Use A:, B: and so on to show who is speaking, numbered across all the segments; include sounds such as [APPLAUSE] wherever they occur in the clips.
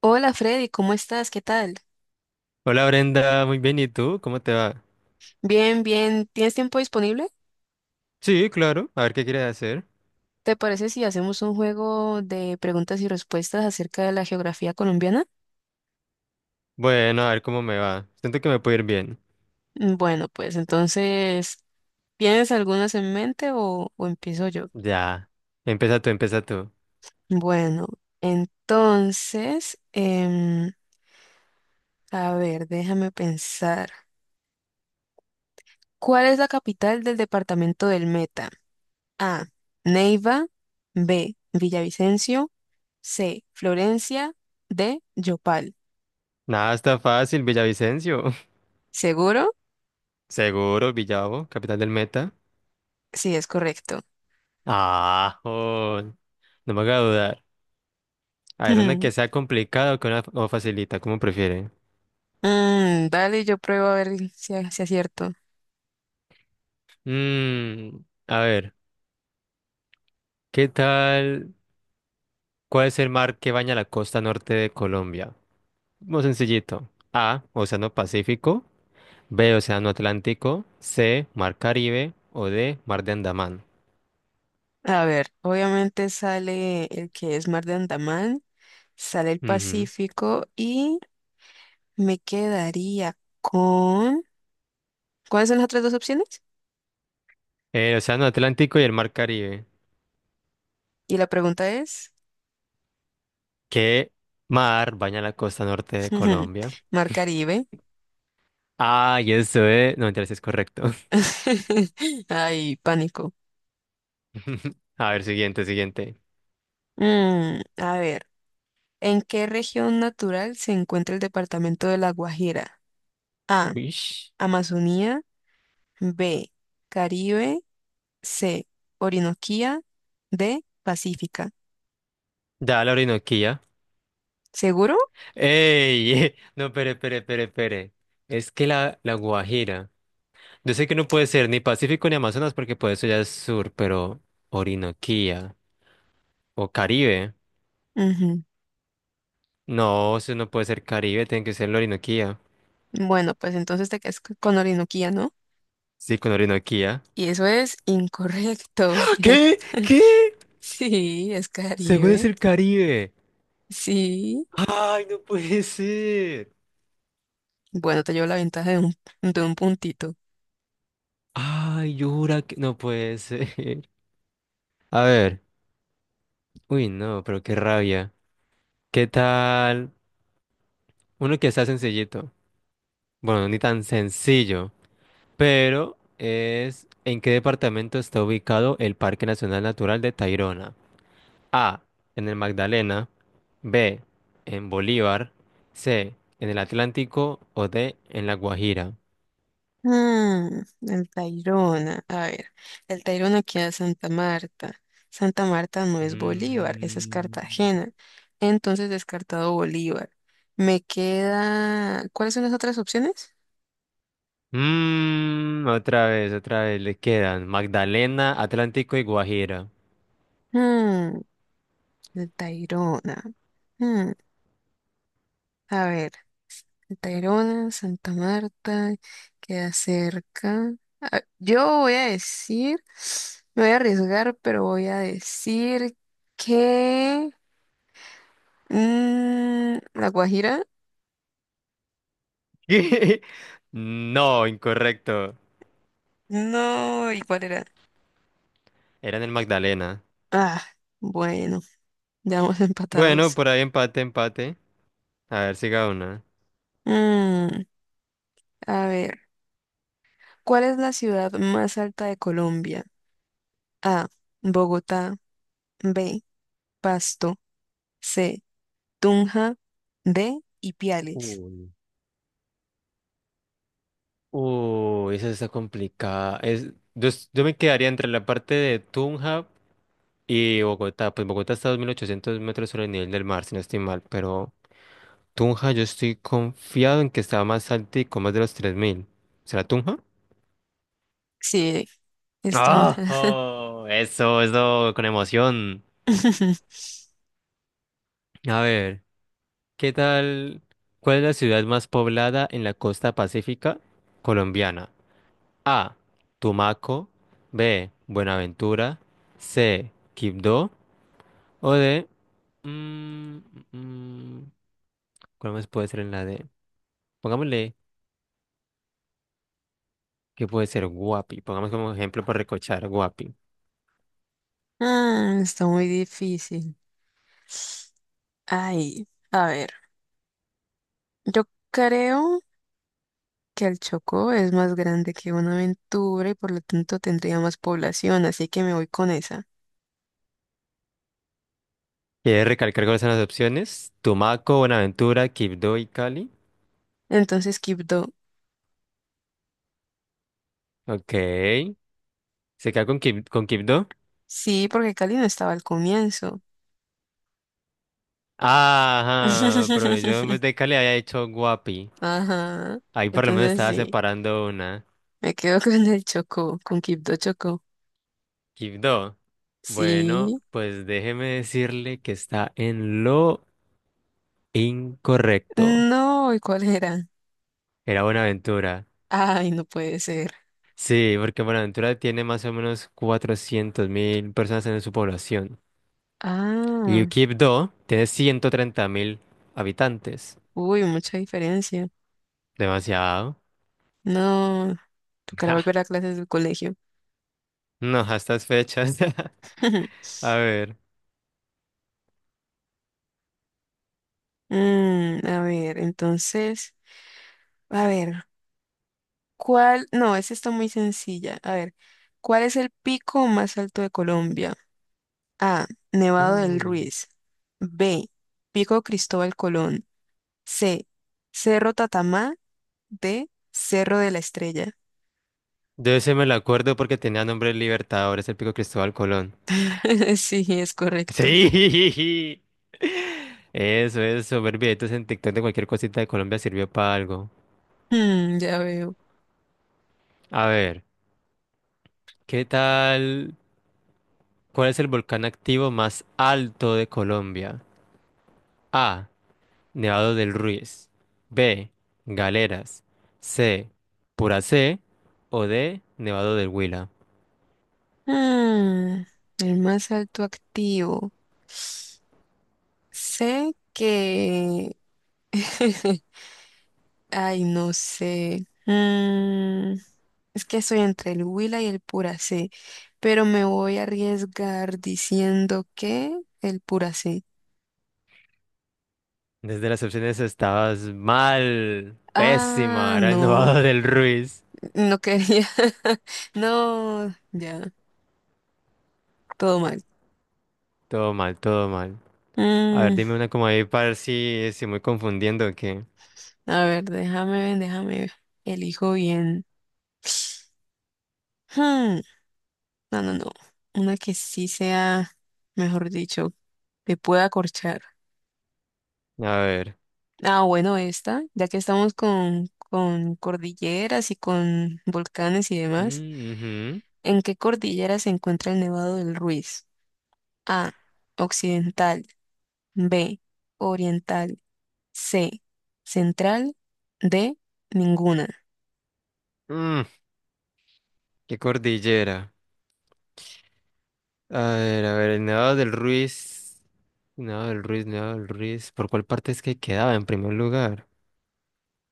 A: Hola Freddy, ¿cómo estás? ¿Qué tal?
B: Hola Brenda, muy bien, ¿y tú? ¿Cómo te va?
A: Bien, bien. ¿Tienes tiempo disponible?
B: Sí, claro, a ver qué quieres hacer.
A: ¿Te parece si hacemos un juego de preguntas y respuestas acerca de la geografía colombiana?
B: Bueno, a ver cómo me va. Siento que me puede ir bien.
A: Bueno, pues entonces, ¿tienes algunas en mente o empiezo yo?
B: Ya, empieza tú, empieza tú.
A: Bueno, entonces, a ver, déjame pensar. ¿Cuál es la capital del departamento del Meta? A. Neiva. B. Villavicencio. C. Florencia. D. Yopal.
B: Nada, está fácil, Villavicencio.
A: ¿Seguro?
B: [LAUGHS] Seguro, Villavo, capital del Meta.
A: Sí, es correcto.
B: Ah, jod. No me haga dudar. A ver, una que
A: [LAUGHS]
B: sea complicada o o facilita, como prefiere.
A: Dale, yo pruebo a ver si acierto.
B: Mmm, a ver, ¿qué tal? ¿Cuál es el mar que baña la costa norte de Colombia? Muy sencillito. A, Océano Pacífico. B, Océano Atlántico. C, Mar Caribe. O D, Mar de Andamán.
A: A ver, obviamente sale el que es Mar de Andaman, sale el
B: Ujú.
A: Pacífico y me quedaría con... ¿Cuáles son las otras dos opciones?
B: El Océano Atlántico y el Mar Caribe.
A: Y la pregunta es,
B: ¿Qué mar baña la costa norte de
A: [LAUGHS]
B: Colombia?
A: Mar Caribe.
B: Ah, y eso es... No, entonces es correcto.
A: [LAUGHS] Ay, pánico.
B: [LAUGHS] A ver, siguiente, siguiente.
A: A ver, ¿en qué región natural se encuentra el departamento de La Guajira? A,
B: Uish.
A: Amazonía. B, Caribe. C, Orinoquía. D, Pacífica.
B: Da la Orinoquía.
A: ¿Seguro?
B: ¡Ey! [LAUGHS] No, pere, pere, pere, pere. Es que la Guajira. Yo sé que no puede ser ni Pacífico ni Amazonas porque por eso ya es sur, pero Orinoquía o Caribe.
A: Ujú.
B: No, eso no puede ser Caribe, tiene que ser la Orinoquía.
A: Bueno, pues entonces te quedas con Orinoquía, ¿no?
B: Sí, con Orinoquía.
A: Y eso es incorrecto.
B: ¡Ah! ¿Qué?
A: [LAUGHS]
B: ¿Qué?
A: Sí, es
B: Según es
A: Caribe.
B: el Caribe.
A: Sí.
B: Ay, no puede ser.
A: Bueno, te llevo la ventaja de de un puntito.
B: Ay, yo jura que no puede ser. [LAUGHS] A ver. Uy, no, pero qué rabia. ¿Qué tal? Uno que está sencillito. Bueno, ni tan sencillo. Pero es, ¿en qué departamento está ubicado el Parque Nacional Natural de Tayrona? A, en el Magdalena, B, en Bolívar, C, en el Atlántico o D, en la Guajira.
A: Ah, el Tayrona. A ver, el Tayrona queda en Santa Marta. Santa Marta no es Bolívar, esa es
B: Mm,
A: Cartagena. Entonces descartado Bolívar. Me queda. ¿Cuáles son las otras opciones?
B: otra vez, le quedan Magdalena, Atlántico y Guajira.
A: Hmm, el Tayrona. Hmm, a ver, el Tayrona, Santa Marta, queda cerca. Ah, yo voy a decir, me voy a arriesgar, pero voy a decir que. ¿La Guajira?
B: [LAUGHS] No, incorrecto.
A: No, ¿y cuál era?
B: Era en el Magdalena.
A: Ah, bueno, ya vamos [LAUGHS]
B: Bueno,
A: empatados.
B: por ahí empate, empate. A ver, siga una.
A: Mm, a ver, ¿cuál es la ciudad más alta de Colombia? A, Bogotá. B, Pasto. C, Tunja. D, Ipiales.
B: Uy. Uy, esa está complicada. Yo me quedaría entre la parte de Tunja y Bogotá, pues Bogotá está a 2800 metros sobre el nivel del mar, si no estoy mal, pero Tunja yo estoy confiado en que está más alto y con más de los 3000. ¿Será Tunja?
A: Sí, es
B: ¡Ah!
A: Tunja.
B: ¡Oh! Eso, con emoción.
A: [LAUGHS]
B: A ver, ¿qué tal? ¿Cuál es la ciudad más poblada en la costa pacífica colombiana? A. Tumaco. B. Buenaventura. C. Quibdó. O D. Mm, mm, mm, ¿cuál más puede ser en la D? Pongámosle que puede ser Guapi. Pongamos como ejemplo para recochar Guapi.
A: Mm, está muy difícil. Ay, a ver, yo creo. Que el Chocó es más grande que Buenaventura y por lo tanto tendría más población, así que me voy con esa.
B: ¿Quieres recalcar cuáles son las opciones? Tumaco, Buenaventura, Quibdó y Cali.
A: Entonces, Quibdó.
B: Ok. ¿Se queda con, con Quibdó?
A: Sí, porque Cali no estaba al comienzo.
B: Ajá, pero yo en
A: [LAUGHS]
B: vez de Cali había hecho Guapi.
A: Ajá.
B: Ahí por lo menos
A: Entonces
B: estaba
A: sí,
B: separando una.
A: me quedo [LAUGHS] con el Chocó, con Quibdó Chocó.
B: Quibdó. Bueno,
A: Sí.
B: pues déjeme decirle que está en lo incorrecto.
A: No, ¿y cuál era?
B: Era Buenaventura.
A: Ay, no puede ser.
B: Sí, porque Buenaventura tiene más o menos 400.000 personas en su población.
A: Ah,
B: Y Quibdó tiene 130.000 habitantes.
A: uy, mucha diferencia.
B: Demasiado. [LAUGHS]
A: No, tocará
B: Ja,
A: volver a clases del colegio.
B: no, a estas fechas.
A: [LAUGHS]
B: [LAUGHS] A ver.
A: A ver, entonces, a ver. ¿Cuál? No, esa está muy sencilla. A ver, ¿cuál es el pico más alto de Colombia? A. Nevado del
B: Uy.
A: Ruiz. B. Pico Cristóbal Colón. C. Cerro Tatamá. D. Cerro de la Estrella.
B: De ese me lo acuerdo porque tenía nombre de Libertadores, el pico Cristóbal Colón.
A: [LAUGHS] Sí, es
B: [LAUGHS]
A: correcto.
B: Sí. Eso, eso. Ver videitos en TikTok de cualquier cosita de Colombia sirvió para algo.
A: Mm, ya veo.
B: A ver, ¿qué tal? ¿Cuál es el volcán activo más alto de Colombia? A. Nevado del Ruiz. B. Galeras. C. Puracé. O D. Nevado del Huila.
A: Mm, el más alto activo. Sé que... [LAUGHS] Ay, no sé. Es que soy entre el Huila y el Puracé, pero me voy a arriesgar diciendo que el Puracé.
B: Desde las opciones estabas mal.
A: Ah,
B: Pésima. Era el
A: no,
B: Nevado [LAUGHS] del Ruiz.
A: no quería. [LAUGHS] No, ya, todo mal.
B: Todo mal, todo mal. A ver,
A: Mm,
B: dime una como ahí para ver si estoy muy confundiendo o qué.
A: a ver, déjame ver, déjame ver. Elijo bien. Hmm, no, no, no. Una que sí sea, mejor dicho, que pueda acorchar.
B: A ver.
A: Ah, bueno, esta, ya que estamos con cordilleras y con volcanes y demás.
B: Mm,
A: ¿En qué cordillera se encuentra el Nevado del Ruiz? A. Occidental. B. Oriental. C. Central. D. Ninguna.
B: ujú. Qué cordillera. A ver, el Nevado del Ruiz. Nevado del Ruiz, Nevado del Ruiz. ¿Por cuál parte es que quedaba en primer lugar?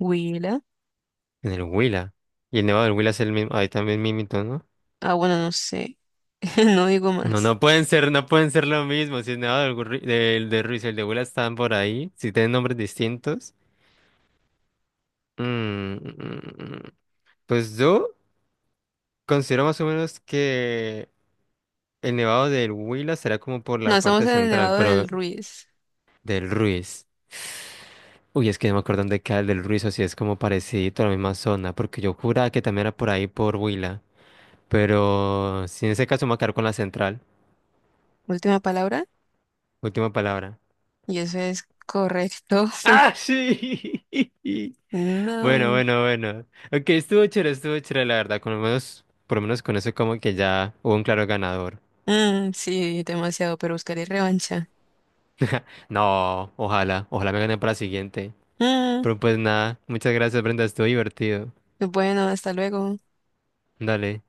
A: Huila.
B: En el Huila. Y el Nevado del Huila es el mismo. Ahí también Mimito, ¿no?
A: Ah, bueno, no sé. [LAUGHS] No digo
B: No,
A: más.
B: no pueden ser, no pueden ser lo mismo. Si el Nevado del de Ruiz y el de Huila están por ahí, si tienen nombres distintos. Mm, mm, mm. Pues yo considero más o menos que el Nevado del Huila será como por
A: No,
B: la
A: estamos
B: parte
A: en el
B: central,
A: Nevado del
B: pero
A: Ruiz.
B: del Ruiz. Uy, es que no me acuerdo dónde queda el del Ruiz, o si es como parecido a la misma zona, porque yo juraba que también era por ahí por Huila. Pero si en ese caso me voy a quedar con la central.
A: Última palabra.
B: Última palabra.
A: Y eso es correcto.
B: ¡Ah, sí! [LAUGHS]
A: [LAUGHS]
B: Bueno,
A: No.
B: bueno, bueno. Ok, estuvo chévere, la verdad. Con lo menos, por lo menos con eso como que ya hubo un claro ganador.
A: Mm, sí, demasiado, pero buscaré revancha.
B: No, ojalá, ojalá me gane para la siguiente.
A: Mm,
B: Pero pues nada, muchas gracias, Brenda, estuvo divertido.
A: bueno, hasta luego.
B: Dale.